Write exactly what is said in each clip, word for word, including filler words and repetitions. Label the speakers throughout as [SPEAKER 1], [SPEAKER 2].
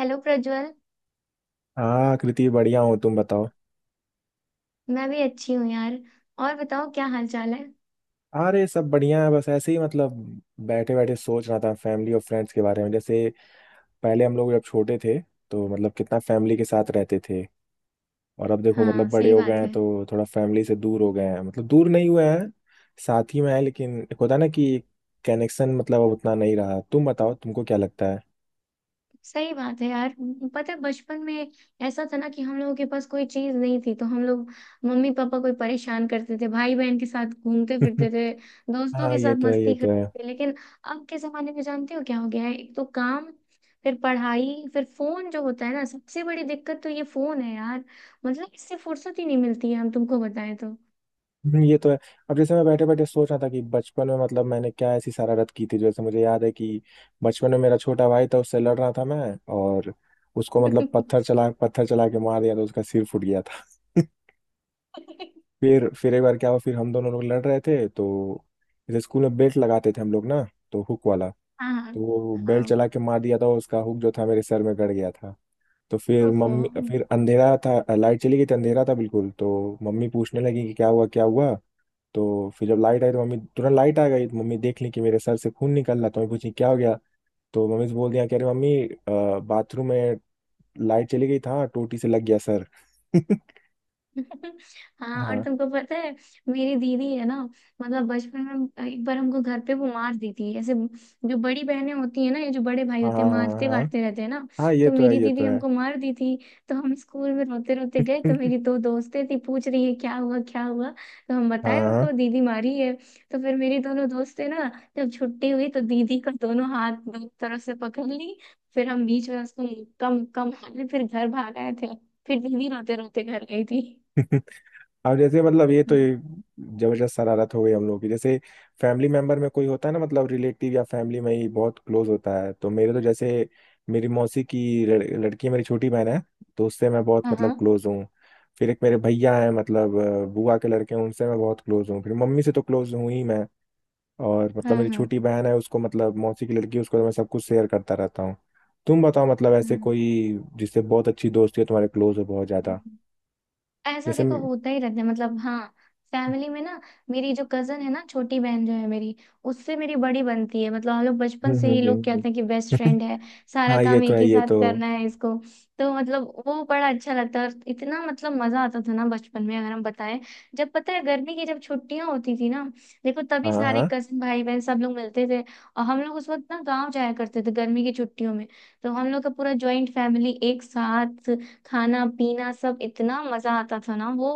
[SPEAKER 1] Hello Prajwal.
[SPEAKER 2] हाँ कृति, बढ़िया हो? तुम बताओ।
[SPEAKER 1] मैं भी अच्छी हूँ यार। और बताओ क्या हाल चाल है।
[SPEAKER 2] अरे सब बढ़िया है, बस ऐसे ही मतलब बैठे बैठे सोच रहा था फैमिली और फ्रेंड्स के बारे में। जैसे पहले हम लोग जब छोटे थे तो मतलब कितना फैमिली के साथ रहते थे, और अब देखो
[SPEAKER 1] हाँ
[SPEAKER 2] मतलब बड़े
[SPEAKER 1] सही
[SPEAKER 2] हो गए
[SPEAKER 1] बात
[SPEAKER 2] हैं
[SPEAKER 1] है।
[SPEAKER 2] तो थोड़ा फैमिली से दूर हो गए हैं। मतलब दूर नहीं हुए हैं, साथ ही में है, लेकिन एक होता है ना कि कनेक्शन मतलब अब उतना नहीं रहा। तुम बताओ तुमको क्या लगता है?
[SPEAKER 1] सही बात है यार। पता है बचपन में ऐसा था ना कि हम लोगों के पास कोई चीज नहीं थी तो हम लोग मम्मी पापा कोई परेशान करते थे, भाई बहन के साथ घूमते फिरते थे, दोस्तों
[SPEAKER 2] हाँ
[SPEAKER 1] के
[SPEAKER 2] ये
[SPEAKER 1] साथ
[SPEAKER 2] तो है, ये
[SPEAKER 1] मस्ती
[SPEAKER 2] तो है।
[SPEAKER 1] करते थे। लेकिन अब के जमाने में जानते हो क्या हो गया है, एक तो काम, फिर पढ़ाई, फिर फोन जो होता है ना, सबसे बड़ी दिक्कत तो ये फोन है यार। मतलब इससे फुर्सत ही नहीं मिलती है हम तुमको बताएं तो।
[SPEAKER 2] हम्म, ये तो है। अब जैसे मैं बैठे बैठे सोच रहा था कि बचपन में मतलब मैंने क्या ऐसी शरारत की थी। जैसे मुझे याद है कि बचपन में मेरा छोटा भाई था, उससे लड़ रहा था मैं, और उसको मतलब पत्थर चला पत्थर चला के मार दिया तो उसका सिर फूट गया था। फिर फिर एक बार क्या हुआ, फिर हम दोनों लोग लड़ रहे थे तो जैसे स्कूल में बेल्ट लगाते थे हम लोग ना, तो हुक वाला,
[SPEAKER 1] हाँ
[SPEAKER 2] तो वो बेल्ट
[SPEAKER 1] हाँ।
[SPEAKER 2] चला के मार दिया था, उसका हुक जो था मेरे सर में गड़ गया था। तो फिर
[SPEAKER 1] ओफो।
[SPEAKER 2] मम्मी, फिर अंधेरा था, लाइट चली गई थी, अंधेरा था बिल्कुल। तो मम्मी पूछने लगी कि क्या हुआ क्या हुआ। तो फिर जब लाइट आई तो मम्मी तुरंत लाइट आ गई तो मम्मी देख ली कि मेरे सर से खून निकल रहा, तो मम्मी पूछी क्या हो गया। तो मम्मी से बोल दिया कि अरे मम्मी, अ, बाथरूम में लाइट चली गई था, टोटी से लग गया सर।
[SPEAKER 1] हाँ और
[SPEAKER 2] हाँ
[SPEAKER 1] तुमको पता है मेरी दीदी है ना, मतलब बचपन में एक बार हमको घर पे वो मार दी थी ऐसे। जो बड़ी बहनें होती है ना, ये जो बड़े भाई
[SPEAKER 2] हाँ
[SPEAKER 1] होते
[SPEAKER 2] हाँ
[SPEAKER 1] हैं
[SPEAKER 2] हाँ।
[SPEAKER 1] मारते
[SPEAKER 2] हाँ
[SPEAKER 1] वारते रहते हैं ना।
[SPEAKER 2] हाँ, ये
[SPEAKER 1] तो
[SPEAKER 2] तो है,
[SPEAKER 1] मेरी
[SPEAKER 2] ये तो
[SPEAKER 1] दीदी
[SPEAKER 2] है।
[SPEAKER 1] हमको मार दी थी। तो हम स्कूल में रोते रोते गए तो मेरी दो दोस्तें थी, पूछ रही है क्या हुआ क्या हुआ। तो हम
[SPEAKER 2] हाँ
[SPEAKER 1] बताए
[SPEAKER 2] हाँ।
[SPEAKER 1] उनको दीदी मारी है। तो फिर मेरी दोनों दोस्तें ना, जब छुट्टी हुई तो दीदी का दोनों हाथ दो तरफ से पकड़ ली, फिर हम बीच में उसको मुक्का मुक्का मारे, फिर घर भाग आए थे। फिर दीदी रोते रोते घर गई थी।
[SPEAKER 2] अब जैसे मतलब ये तो
[SPEAKER 1] हाँ
[SPEAKER 2] ये जबरदस्त शरारत हो गई हम लोग की। जैसे फैमिली मेंबर में कोई होता है ना, मतलब रिलेटिव या फैमिली में ही बहुत क्लोज होता है, तो मेरे तो जैसे मेरी मौसी की लड़- लड़की है, मेरी छोटी बहन है, तो उससे मैं बहुत मतलब
[SPEAKER 1] हाँ
[SPEAKER 2] क्लोज हूँ। फिर एक मेरे भैया हैं मतलब अ, बुआ के लड़के हैं, उनसे मैं बहुत क्लोज हूँ। फिर मम्मी से तो क्लोज हूँ ही मैं। और मतलब
[SPEAKER 1] हाँ
[SPEAKER 2] मेरी
[SPEAKER 1] हाँ।
[SPEAKER 2] छोटी बहन है, उसको मतलब मौसी की लड़की है, उसको तो मैं सब कुछ शेयर करता रहता हूँ। तुम बताओ मतलब ऐसे
[SPEAKER 1] हाँ।
[SPEAKER 2] कोई जिससे बहुत अच्छी दोस्ती है तुम्हारे, क्लोज हो बहुत ज्यादा?
[SPEAKER 1] ऐसा
[SPEAKER 2] जैसे
[SPEAKER 1] देखो
[SPEAKER 2] हम्म
[SPEAKER 1] होता ही रहता है, मतलब हाँ। फैमिली में ना मेरी जो कजन है ना, छोटी बहन जो है मेरी, उससे मेरी बड़ी बनती है। मतलब हम लोग बचपन
[SPEAKER 2] हम्म
[SPEAKER 1] से ही, लोग
[SPEAKER 2] हम्म,
[SPEAKER 1] कहते हैं कि बेस्ट फ्रेंड है। सारा
[SPEAKER 2] हाँ ये
[SPEAKER 1] काम
[SPEAKER 2] तो
[SPEAKER 1] एक
[SPEAKER 2] है,
[SPEAKER 1] ही
[SPEAKER 2] ये तो।
[SPEAKER 1] साथ करना है इसको। तो मतलब वो बड़ा अच्छा लगता है, और इतना मतलब मजा आता था ना बचपन में, अगर हम बताएं। जब पता है गर्मी की जब छुट्टियां होती थी ना, देखो तभी
[SPEAKER 2] हाँ
[SPEAKER 1] सारे
[SPEAKER 2] हाँ।
[SPEAKER 1] कजन भाई बहन सब लोग मिलते थे। और हम लोग उस वक्त ना गाँव जाया करते थे गर्मी की छुट्टियों में। तो हम लोग का पूरा ज्वाइंट फैमिली एक साथ, खाना पीना, सब इतना मजा आता था ना वो।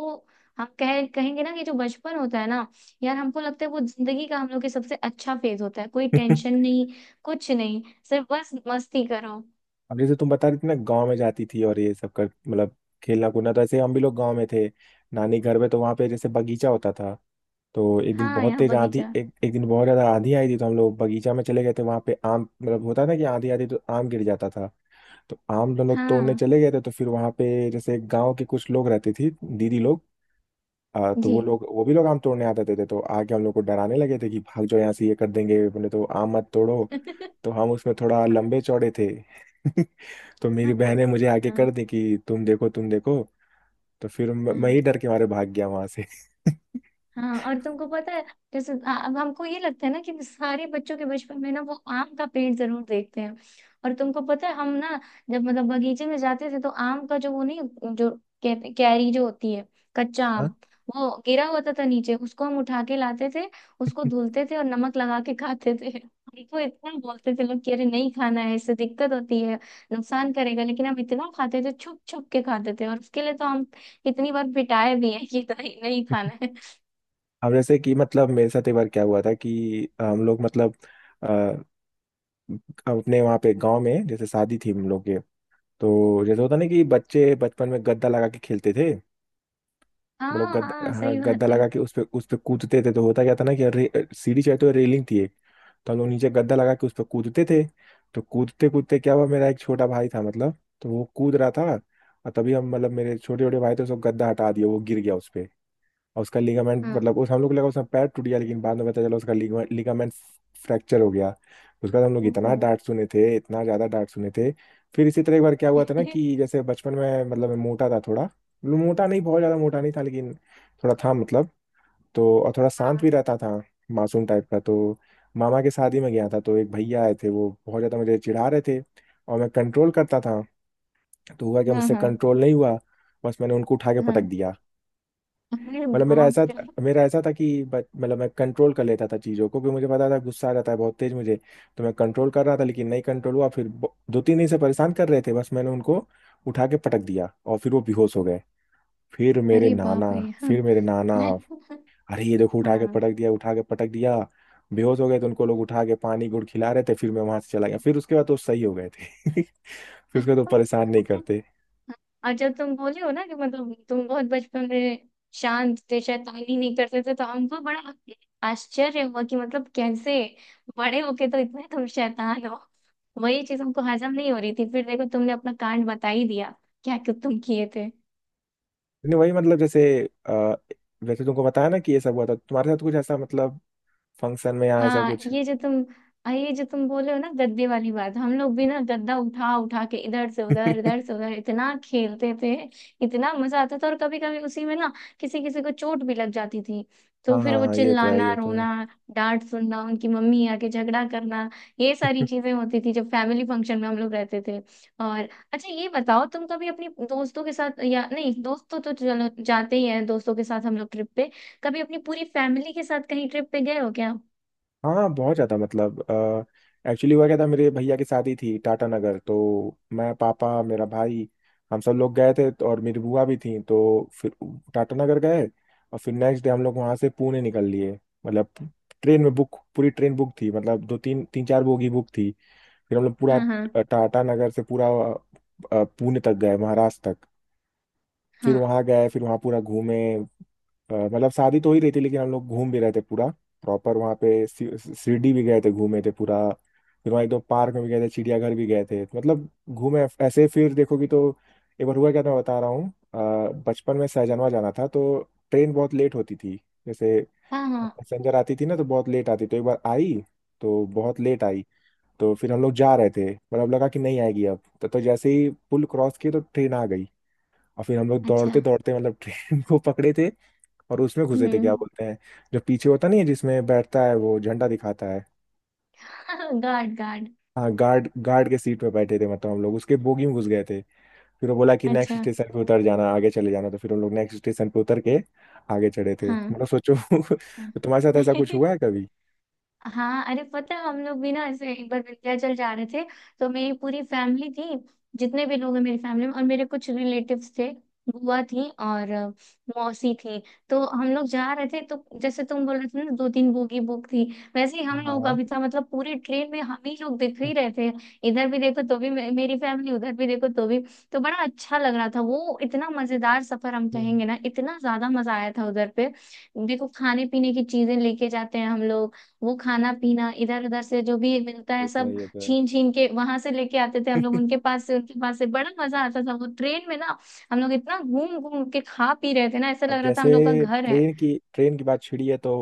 [SPEAKER 1] हम कह कहेंगे ना कि जो बचपन होता है ना, यार हमको लगता है वो जिंदगी का हम लोग के सबसे अच्छा फेज होता है। कोई टेंशन नहीं, कुछ नहीं, सिर्फ बस मस्ती करो।
[SPEAKER 2] अब जैसे तुम बता रही थी ना गांव में जाती थी और ये सब कर, मतलब खेलना कूदना, तो ऐसे हम भी लोग गांव में थे, नानी घर में। तो वहाँ पे जैसे बगीचा होता था, तो एक दिन
[SPEAKER 1] हाँ
[SPEAKER 2] बहुत
[SPEAKER 1] यहाँ
[SPEAKER 2] तेज आंधी,
[SPEAKER 1] बगीचा।
[SPEAKER 2] एक, एक दिन बहुत ज्यादा आंधी आई थी तो हम लोग बगीचा में चले गए थे। वहाँ पे आम, मतलब होता है ना कि आंधी आती तो आम गिर जाता था, तो आम हम लोग तोड़ने
[SPEAKER 1] हाँ।
[SPEAKER 2] चले गए थे। तो फिर वहाँ पे जैसे गाँव के कुछ लोग रहते थे, दीदी लोग, आ, तो
[SPEAKER 1] जी।
[SPEAKER 2] वो लोग वो भी लोग आम तोड़ने आते थे, तो आके हम लोग को डराने लगे थे कि भाग जाओ यहाँ से, ये कर देंगे, बोले तो आम मत तोड़ो। तो हम उसमें थोड़ा लंबे चौड़े थे। तो मेरी
[SPEAKER 1] हाँ
[SPEAKER 2] बहन ने मुझे आगे
[SPEAKER 1] हाँ
[SPEAKER 2] कर दी कि तुम देखो तुम देखो। तो फिर म- मैं
[SPEAKER 1] हाँ।
[SPEAKER 2] ही डर के मारे भाग गया वहां से।
[SPEAKER 1] हाँ और तुमको पता है जैसे आ- अब हमको ये लगता है ना कि सारे बच्चों के बचपन में ना वो आम का पेड़ जरूर देखते हैं। और तुमको पता है हम ना जब मतलब बगीचे में जाते थे तो आम का जो वो नहीं, जो कै- कैरी जो होती है, कच्चा आम,
[SPEAKER 2] हाँ?
[SPEAKER 1] वो गिरा होता था नीचे, उसको हम उठा के लाते थे, उसको धुलते थे और नमक लगा के खाते थे। हमको इतना बोलते थे लोग कि अरे नहीं खाना है, इससे दिक्कत होती है, नुकसान करेगा। लेकिन हम इतना खाते थे, छुप छुप के खाते थे, और उसके लिए तो हम इतनी बार पिटाए भी हैं कि नहीं नहीं खाना है।
[SPEAKER 2] अब जैसे कि मतलब मेरे साथ एक बार क्या हुआ था कि हम लोग मतलब अ, अपने वहाँ पे गांव में जैसे शादी थी हम लोग के, तो जैसे होता ना कि बच्चे बचपन में गद्दा लगा के खेलते थे। मतलब
[SPEAKER 1] हाँ
[SPEAKER 2] गद्दा,
[SPEAKER 1] हाँ
[SPEAKER 2] हाँ,
[SPEAKER 1] सही
[SPEAKER 2] गद्दा
[SPEAKER 1] बात है।
[SPEAKER 2] लगा के उस पे उस पे कूदते थे। तो होता क्या था ना कि रे, सीढ़ी चाहे तो रेलिंग थी एक, तो हम लोग नीचे गद्दा लगा के उस पे कूदते थे। तो कूदते कूदते क्या हुआ, मेरा एक छोटा भाई था मतलब, तो वो कूद रहा था, और तभी हम मतलब मेरे छोटे छोटे भाई थे, उसको गद्दा हटा दिया, वो गिर गया उस पे, और उसका लिगामेंट
[SPEAKER 1] हाँ।
[SPEAKER 2] मतलब, उस हम लोग को लगा उसका पैर टूट गया, लेकिन बाद में पता चला उसका लिगामेंट फ्रैक्चर हो गया। उसके बाद हम लोग इतना
[SPEAKER 1] ओप्पो।
[SPEAKER 2] डांट सुने थे, इतना ज्यादा डांट सुने थे। फिर इसी तरह एक बार क्या हुआ था ना कि जैसे बचपन में मतलब मैं मोटा था थोड़ा, मतलब मोटा नहीं बहुत ज्यादा मोटा नहीं था लेकिन थोड़ा था मतलब, तो और थोड़ा शांत भी रहता था, मासूम टाइप का। तो मामा के शादी में गया था, तो एक भैया आए थे, वो बहुत ज्यादा मुझे चिढ़ा रहे थे और मैं कंट्रोल करता था। तो हुआ क्या,
[SPEAKER 1] हाँ हाँ
[SPEAKER 2] मुझसे
[SPEAKER 1] हाँ
[SPEAKER 2] कंट्रोल नहीं हुआ, बस मैंने उनको उठा के
[SPEAKER 1] हाँ।
[SPEAKER 2] पटक दिया।
[SPEAKER 1] अरे
[SPEAKER 2] मतलब मेरा
[SPEAKER 1] बाप
[SPEAKER 2] ऐसा
[SPEAKER 1] रे।
[SPEAKER 2] मेरा ऐसा था कि ब- मतलब मैं कंट्रोल कर लेता था चीज़ों को, क्योंकि मुझे पता था गुस्सा आ जाता है बहुत तेज मुझे। तो मैं कंट्रोल कर रहा था लेकिन नहीं कंट्रोल हुआ, फिर ब- दो तीन दिन से परेशान कर रहे थे, बस मैंने उनको उठा के पटक दिया और फिर वो बेहोश हो गए। फिर मेरे
[SPEAKER 1] अरे
[SPEAKER 2] नाना
[SPEAKER 1] बाप रे हाँ।
[SPEAKER 2] फिर मेरे नाना, अरे ये देखो उठा के
[SPEAKER 1] हाँ
[SPEAKER 2] पटक दिया उठा के पटक दिया बेहोश हो गए, तो उनको लोग उठा के पानी गुड़ खिला रहे थे, फिर मैं वहां से चला गया, फिर उसके बाद तो सही हो गए थे। फिर उसके बाद तो परेशान नहीं करते।
[SPEAKER 1] और जब तुम बोले हो ना कि मतलब तुम बहुत बचपन में शांत थे, शैतानी नहीं करते थे, तो हमको बड़ा आश्चर्य हुआ कि मतलब कैसे बड़े होके तो इतने तुम शैतान हो। वही चीज हमको हजम नहीं हो रही थी, फिर देखो तुमने अपना कांड बता ही दिया क्या क्या तुम किए थे।
[SPEAKER 2] लेकिन वही मतलब जैसे, अ, वैसे तुमको बताया ना कि ये सब हुआ था, तुम्हारे साथ कुछ ऐसा मतलब फंक्शन में यहाँ ऐसा
[SPEAKER 1] हाँ
[SPEAKER 2] कुछ है?
[SPEAKER 1] ये जो तुम, आ, ये जो तुम बोले हो ना गद्दे वाली बात, हम लोग भी ना गद्दा उठा उठा के इधर से उधर, इधर से उधर, इतना खेलते थे। इतना मजा आता था, और कभी कभी उसी में ना किसी किसी को चोट भी लग जाती थी, तो
[SPEAKER 2] हाँ
[SPEAKER 1] फिर
[SPEAKER 2] हाँ
[SPEAKER 1] वो
[SPEAKER 2] हाँ, ये तो है,
[SPEAKER 1] चिल्लाना,
[SPEAKER 2] ये तो है।
[SPEAKER 1] रोना, डांट सुनना, उनकी मम्मी आके झगड़ा करना, ये सारी चीजें होती थी जब फैमिली फंक्शन में हम लोग रहते थे। और अच्छा ये बताओ, तुम कभी अपने दोस्तों के साथ, या नहीं दोस्तों तो चलो जाते ही हैं दोस्तों के साथ हम लोग ट्रिप पे, कभी अपनी पूरी फैमिली के साथ कहीं ट्रिप पे गए हो क्या।
[SPEAKER 2] हाँ बहुत ज़्यादा मतलब, एक्चुअली हुआ क्या था मेरे भैया की शादी थी टाटा नगर, तो मैं पापा मेरा भाई, हम सब लोग गए थे तो, और मेरी बुआ भी थी, तो फिर टाटा नगर गए, और फिर नेक्स्ट डे हम लोग वहाँ से पुणे निकल लिए। मतलब ट्रेन में बुक, पूरी ट्रेन बुक थी मतलब, दो तीन तीन चार बोगी बुक थी। फिर हम लोग पूरा
[SPEAKER 1] हाँ हाँ
[SPEAKER 2] अ, टाटा नगर से पूरा अ, पुणे तक गए, महाराष्ट्र तक। फिर
[SPEAKER 1] हाँ
[SPEAKER 2] वहाँ गए, फिर वहाँ पूरा घूमे, अ, मतलब शादी तो हो ही रही थी, लेकिन हम लोग घूम भी रहे थे पूरा प्रॉपर। वहाँ पे सी- शिरडी भी गए थे, घूमे थे पूरा। फिर वहाँ एकदम पार्क में भी गए थे, चिड़ियाघर भी गए थे, मतलब घूमे ऐसे, फिर देखोगी तो। एक बार हुआ क्या था, मैं बता रहा हूँ अ, बचपन में सहजनवा जाना था, तो ट्रेन बहुत लेट होती थी, जैसे
[SPEAKER 1] हाँ हाँ।
[SPEAKER 2] पैसेंजर आती थी ना, तो बहुत लेट आती, तो एक बार आई तो बहुत लेट आई। तो फिर हम लोग जा रहे थे, मतलब लगा कि नहीं आएगी अब तो, तो जैसे ही पुल क्रॉस किए तो ट्रेन आ गई, और फिर हम लोग दौड़ते
[SPEAKER 1] अच्छा।
[SPEAKER 2] दौड़ते मतलब ट्रेन को पकड़े थे, और उसमें घुसे थे। क्या
[SPEAKER 1] हम्म।
[SPEAKER 2] बोलते हैं जो पीछे होता नहीं है, जिसमें बैठता है वो झंडा दिखाता है,
[SPEAKER 1] गार्ड गार्ड।
[SPEAKER 2] हाँ गार्ड, गार्ड के सीट में बैठे थे, मतलब हम लोग उसके बोगी में घुस गए थे। फिर वो बोला कि
[SPEAKER 1] अच्छा।
[SPEAKER 2] नेक्स्ट स्टेशन पे उतर जाना, आगे चले जाना, तो फिर हम लोग नेक्स्ट स्टेशन पे उतर के आगे चढ़े थे,
[SPEAKER 1] हाँ
[SPEAKER 2] मतलब सोचो।
[SPEAKER 1] हाँ।
[SPEAKER 2] तो तुम्हारे साथ ऐसा कुछ हुआ है कभी?
[SPEAKER 1] हाँ अरे पता है हम लोग भी ना ऐसे एक बार विंध्याचल जा रहे थे, तो मेरी पूरी फैमिली थी, जितने भी लोग हैं मेरी फैमिली में, और मेरे कुछ रिलेटिव्स थे, बुआ थी और अ, मौसी थी। तो हम लोग जा रहे थे, तो जैसे तुम बोल रहे थे ना दो तीन बोगी बुक थी, वैसे ही
[SPEAKER 2] हाँ।
[SPEAKER 1] हम लोगों का
[SPEAKER 2] हाँ।
[SPEAKER 1] भी था। मतलब पूरी ट्रेन में हम ही लोग दिख ही रहे थे। इधर भी देखो तो भी मे- मेरी फैमिली, उधर भी देखो तो भी। तो बड़ा अच्छा लग रहा था वो, इतना मजेदार सफर हम कहेंगे ना, इतना ज्यादा मजा आया था उधर पे। देखो खाने पीने की चीजें लेके जाते हैं हम लोग, वो खाना पीना इधर उधर से जो भी मिलता है
[SPEAKER 2] ये तो है,
[SPEAKER 1] सब
[SPEAKER 2] ये तो है।
[SPEAKER 1] छीन छीन के वहां से लेके आते थे हम लोग, उनके पास से उनके पास से। बड़ा मजा आता था वो ट्रेन में ना, हम लोग इतना घूम घूम के खा पी रहे थे ना, ऐसा
[SPEAKER 2] अब
[SPEAKER 1] लग रहा था
[SPEAKER 2] जैसे
[SPEAKER 1] हम लोग का घर है।
[SPEAKER 2] ट्रेन की ट्रेन की बात छिड़ी है तो,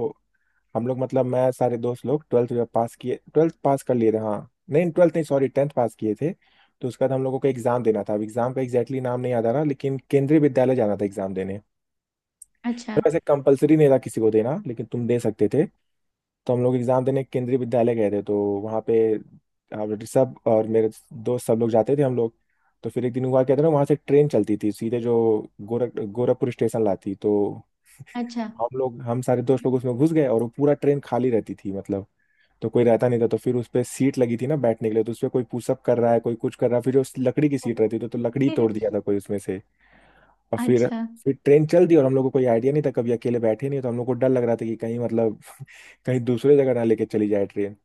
[SPEAKER 2] हम लोग मतलब मैं सारे दोस्त लोग ट्वेल्थ पास किए, ट्वेल्थ पास कर लिए थे, हाँ नहीं ट्वेल्थ नहीं, सॉरी टेंथ पास किए थे। तो उसके बाद हम लोगों को एग्जाम देना था, अब एग्जाम का एग्जैक्टली नाम नहीं याद आ रहा, लेकिन केंद्रीय विद्यालय जाना था एग्जाम देने। तो
[SPEAKER 1] अच्छा
[SPEAKER 2] वैसे कंपलसरी नहीं था किसी को देना, लेकिन तुम दे सकते थे। तो हम लोग एग्जाम देने केंद्रीय विद्यालय गए थे, तो वहाँ पे हम ऋषभ और मेरे दोस्त सब लोग जाते थे हम लोग। तो फिर एक दिन हुआ क्या था ना, वहाँ से ट्रेन चलती थी सीधे जो गोरख गोरखपुर स्टेशन लाती, तो
[SPEAKER 1] अच्छा।
[SPEAKER 2] हम लोग हम सारे दोस्त लोग उसमें घुस गए, और वो पूरा ट्रेन खाली रहती थी मतलब, तो कोई रहता नहीं था। तो फिर उस पे सीट लगी थी ना बैठने के लिए, तो उस पे कोई पुशअप कर रहा है, कोई कुछ कर रहा है, फिर जो उस लकड़ी की सीट रहती थी तो लकड़ी तोड़ दिया था कोई उसमें से। और फिर
[SPEAKER 1] अच्छा।
[SPEAKER 2] फिर ट्रेन चल दी, और हम लोग को कोई आइडिया नहीं था, कभी अकेले बैठे नहीं, तो हम लोग को डर लग रहा था कि कहीं मतलब कहीं दूसरे जगह ना लेके चली जाए ट्रेन।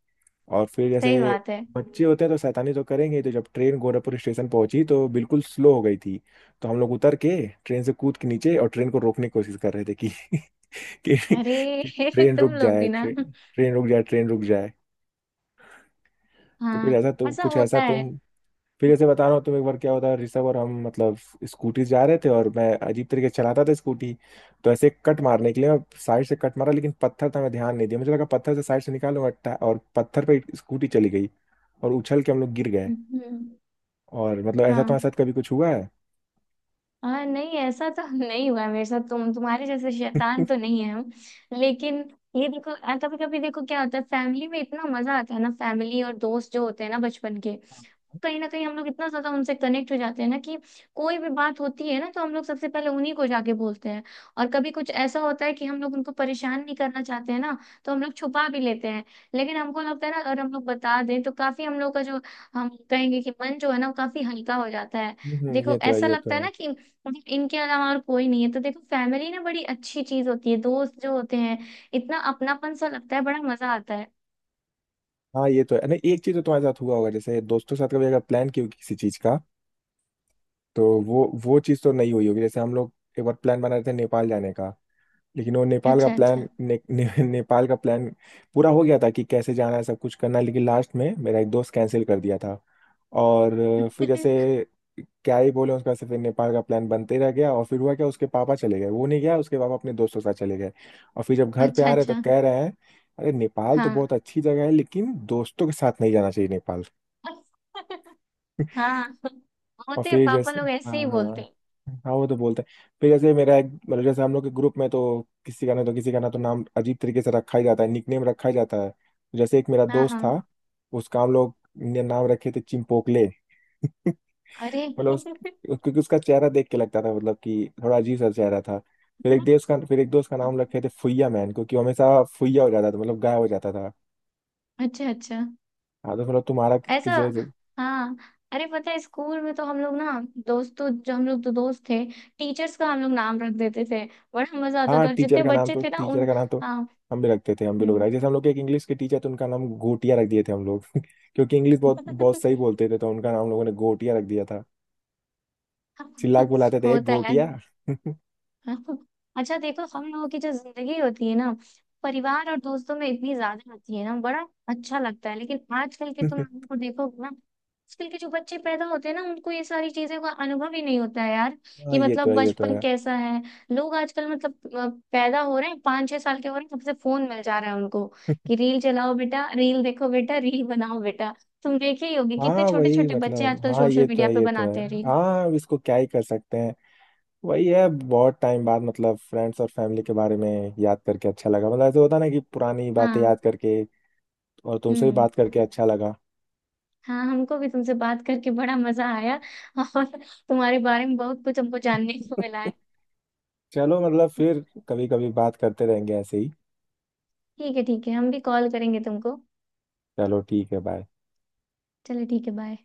[SPEAKER 2] और फिर जैसे
[SPEAKER 1] सही बात है।
[SPEAKER 2] बच्चे होते हैं तो शैतानी तो करेंगे ही, तो जब ट्रेन गोरखपुर स्टेशन पहुंची तो बिल्कुल स्लो हो गई थी, तो हम लोग उतर के ट्रेन से कूद के नीचे, और ट्रेन को रोकने की कोशिश कर रहे थे कि कि,
[SPEAKER 1] अरे
[SPEAKER 2] कि ट्रेन
[SPEAKER 1] तुम
[SPEAKER 2] रुक
[SPEAKER 1] लोग
[SPEAKER 2] जाए,
[SPEAKER 1] भी ना।
[SPEAKER 2] ट्रेन ट्रेन रुक जाए, ट्रेन रुक जाए। तो कुछ
[SPEAKER 1] हाँ
[SPEAKER 2] ऐसा तुम
[SPEAKER 1] ऐसा
[SPEAKER 2] कुछ ऐसा
[SPEAKER 1] होता है।
[SPEAKER 2] तुम फिर ऐसे बता रहा हूँ तुम, एक बार क्या होता है ऋषभ और हम मतलब स्कूटी जा रहे थे, और मैं अजीब तरीके से चलाता था स्कूटी, तो ऐसे कट मारने के लिए मैं साइड से कट मारा, लेकिन पत्थर था, मैं ध्यान नहीं दिया, मुझे लगा पत्थर से साइड से निकालूंगा टा- और पत्थर पे स्कूटी चली गई, और उछल के हम लोग गिर गए।
[SPEAKER 1] हम्म।
[SPEAKER 2] और मतलब ऐसा
[SPEAKER 1] हाँ
[SPEAKER 2] तुम्हारे साथ कभी कुछ हुआ है?
[SPEAKER 1] हाँ नहीं ऐसा तो नहीं हुआ है मेरे साथ। तुम तुम्हारे जैसे शैतान तो नहीं है हम। लेकिन ये देखो कभी कभी देखो क्या होता है, फैमिली में इतना मजा आता है ना, फैमिली और दोस्त जो होते हैं ना बचपन के, कहीं ना कहीं हम लोग इतना ज्यादा उनसे कनेक्ट हो जाते हैं ना कि कोई भी बात होती है ना तो हम लोग सबसे पहले उन्हीं को जाके बोलते हैं। और कभी कुछ ऐसा होता है कि हम लोग उनको परेशान नहीं करना चाहते हैं ना, तो हम लोग छुपा भी लेते हैं। लेकिन हमको लगता है ना अगर हम लोग बता दें तो काफी हम लोग का जो, हम कहेंगे कि मन जो है ना, वो काफी हल्का हो जाता है।
[SPEAKER 2] हम्म, ये
[SPEAKER 1] देखो
[SPEAKER 2] तो है,
[SPEAKER 1] ऐसा
[SPEAKER 2] ये तो
[SPEAKER 1] लगता है
[SPEAKER 2] है।
[SPEAKER 1] ना कि मतलब इनके अलावा और कोई नहीं है। तो देखो फैमिली ना बड़ी अच्छी चीज होती है, दोस्त जो होते हैं, इतना अपनापन सा लगता है, बड़ा मजा आता है।
[SPEAKER 2] हाँ ये तो है। नहीं एक चीज तो तुम्हारे साथ हुआ होगा, जैसे दोस्तों के साथ कभी अगर प्लान किया हो किसी चीज का तो वो वो चीज तो नहीं हुई होगी। जैसे हम लोग एक बार प्लान बना रहे थे नेपाल जाने का, लेकिन वो नेपाल का
[SPEAKER 1] अच्छा अच्छा।
[SPEAKER 2] प्लान ने, ने, नेपाल का प्लान पूरा हो गया था, कि कैसे जाना है, सब कुछ करना है, लेकिन लास्ट में मेरा एक दोस्त कैंसिल कर दिया था। और फिर जैसे क्या ही बोले उसका से, फिर नेपाल का प्लान बनते रह गया, और फिर हुआ क्या उसके पापा चले गए, वो नहीं गया, उसके पापा अपने दोस्तों के साथ चले गए। और फिर जब घर पे
[SPEAKER 1] अच्छा
[SPEAKER 2] आ रहे तो
[SPEAKER 1] अच्छा।
[SPEAKER 2] कह रहे हैं अरे नेपाल तो
[SPEAKER 1] हाँ।
[SPEAKER 2] बहुत अच्छी जगह है, लेकिन दोस्तों के साथ नहीं जाना चाहिए नेपाल।
[SPEAKER 1] हाँ
[SPEAKER 2] और
[SPEAKER 1] होते हैं
[SPEAKER 2] फिर
[SPEAKER 1] पापा
[SPEAKER 2] जैसे
[SPEAKER 1] लोग
[SPEAKER 2] हाँ
[SPEAKER 1] ऐसे ही बोलते
[SPEAKER 2] हाँ,
[SPEAKER 1] हैं।
[SPEAKER 2] हाँ वो तो बोलते हैं। फिर जैसे मेरा एक मतलब जैसे हम लोग के ग्रुप में तो किसी का ना, तो किसी का ना तो नाम अजीब तरीके से रखा ही जाता है, निकनेम रखा ही जाता है। तो जैसे एक मेरा
[SPEAKER 1] हाँ
[SPEAKER 2] दोस्त
[SPEAKER 1] हाँ।
[SPEAKER 2] था, उसका हम लोग ने नाम रखे थे चिंपोकले।
[SPEAKER 1] अरे।
[SPEAKER 2] मतलब उस, क्योंकि उसका चेहरा देख के लगता था मतलब कि थोड़ा अजीब सा चेहरा था। फिर एक दोस्त का फिर एक दोस्त का नाम रखे थे फुइया मैन, क्योंकि वो हमेशा फुइया हो जाता था, मतलब गायब हो जाता था।
[SPEAKER 1] अच्छा अच्छा।
[SPEAKER 2] हाँ तो मतलब तुम्हारा
[SPEAKER 1] ऐसा।
[SPEAKER 2] किसी,
[SPEAKER 1] हाँ अरे पता है स्कूल में तो हम लोग ना, दोस्तों जो हम लोग तो दोस्त थे, टीचर्स का हम लोग नाम रख देते थे। बड़ा मजा आता
[SPEAKER 2] हाँ
[SPEAKER 1] था, और
[SPEAKER 2] टीचर
[SPEAKER 1] जितने
[SPEAKER 2] का नाम
[SPEAKER 1] बच्चे
[SPEAKER 2] तो
[SPEAKER 1] थे ना
[SPEAKER 2] टीचर
[SPEAKER 1] उन,
[SPEAKER 2] का नाम तो
[SPEAKER 1] हाँ।
[SPEAKER 2] हम भी रखते थे, हम भी लोग
[SPEAKER 1] हम्म।
[SPEAKER 2] रखे। जैसे हम लोग के एक इंग्लिश के टीचर थे, उनका नाम गोटिया रख दिए थे हम लोग, क्योंकि इंग्लिश बहुत बहुत सही बोलते थे, तो उनका नाम हम लोगों ने गोटिया रख दिया था। चिल्ला के बुलाते थे, एक
[SPEAKER 1] होता है।
[SPEAKER 2] गोटिया।
[SPEAKER 1] अच्छा देखो हम लोगों की जो जिंदगी होती है ना, परिवार और दोस्तों में इतनी ज्यादा होती है ना, बड़ा अच्छा लगता है। लेकिन आजकल के तुम लोगों को देखोगे ना, आजकल के जो बच्चे पैदा होते हैं ना, उनको ये सारी चीजों का अनुभव ही नहीं होता है यार,
[SPEAKER 2] हाँ
[SPEAKER 1] कि
[SPEAKER 2] ये तो
[SPEAKER 1] मतलब
[SPEAKER 2] है, ये तो
[SPEAKER 1] बचपन
[SPEAKER 2] है।
[SPEAKER 1] कैसा है। लोग आजकल मतलब अ, पैदा हो रहे हैं, पाँच छह साल के हो रहे हैं, सबसे फोन मिल जा रहा है उनको, कि रील चलाओ बेटा, रील देखो बेटा, रील बनाओ बेटा। तुम देखे ही होगी कितने
[SPEAKER 2] हाँ
[SPEAKER 1] छोटे
[SPEAKER 2] वही
[SPEAKER 1] छोटे बच्चे
[SPEAKER 2] मतलब
[SPEAKER 1] आजकल
[SPEAKER 2] हाँ
[SPEAKER 1] सोशल
[SPEAKER 2] ये तो
[SPEAKER 1] मीडिया
[SPEAKER 2] है,
[SPEAKER 1] पे
[SPEAKER 2] ये तो है।
[SPEAKER 1] बनाते हैं रील।
[SPEAKER 2] हाँ अब इसको क्या ही कर सकते हैं। वही है, बहुत टाइम बाद मतलब फ्रेंड्स और फैमिली के बारे में याद करके अच्छा लगा। मतलब ऐसे होता है ना कि पुरानी बातें
[SPEAKER 1] हाँ।
[SPEAKER 2] याद करके, और तुमसे भी
[SPEAKER 1] हम्म।
[SPEAKER 2] बात करके अच्छा लगा।
[SPEAKER 1] हाँ हमको भी तुमसे बात करके बड़ा मजा आया। और तुम्हारे बारे में बहुत कुछ हमको जानने को मिला है।
[SPEAKER 2] चलो मतलब फिर कभी कभी बात करते रहेंगे ऐसे ही।
[SPEAKER 1] ठीक है ठीक है हम भी कॉल करेंगे तुमको।
[SPEAKER 2] चलो ठीक है, बाय।
[SPEAKER 1] चलो ठीक है बाय।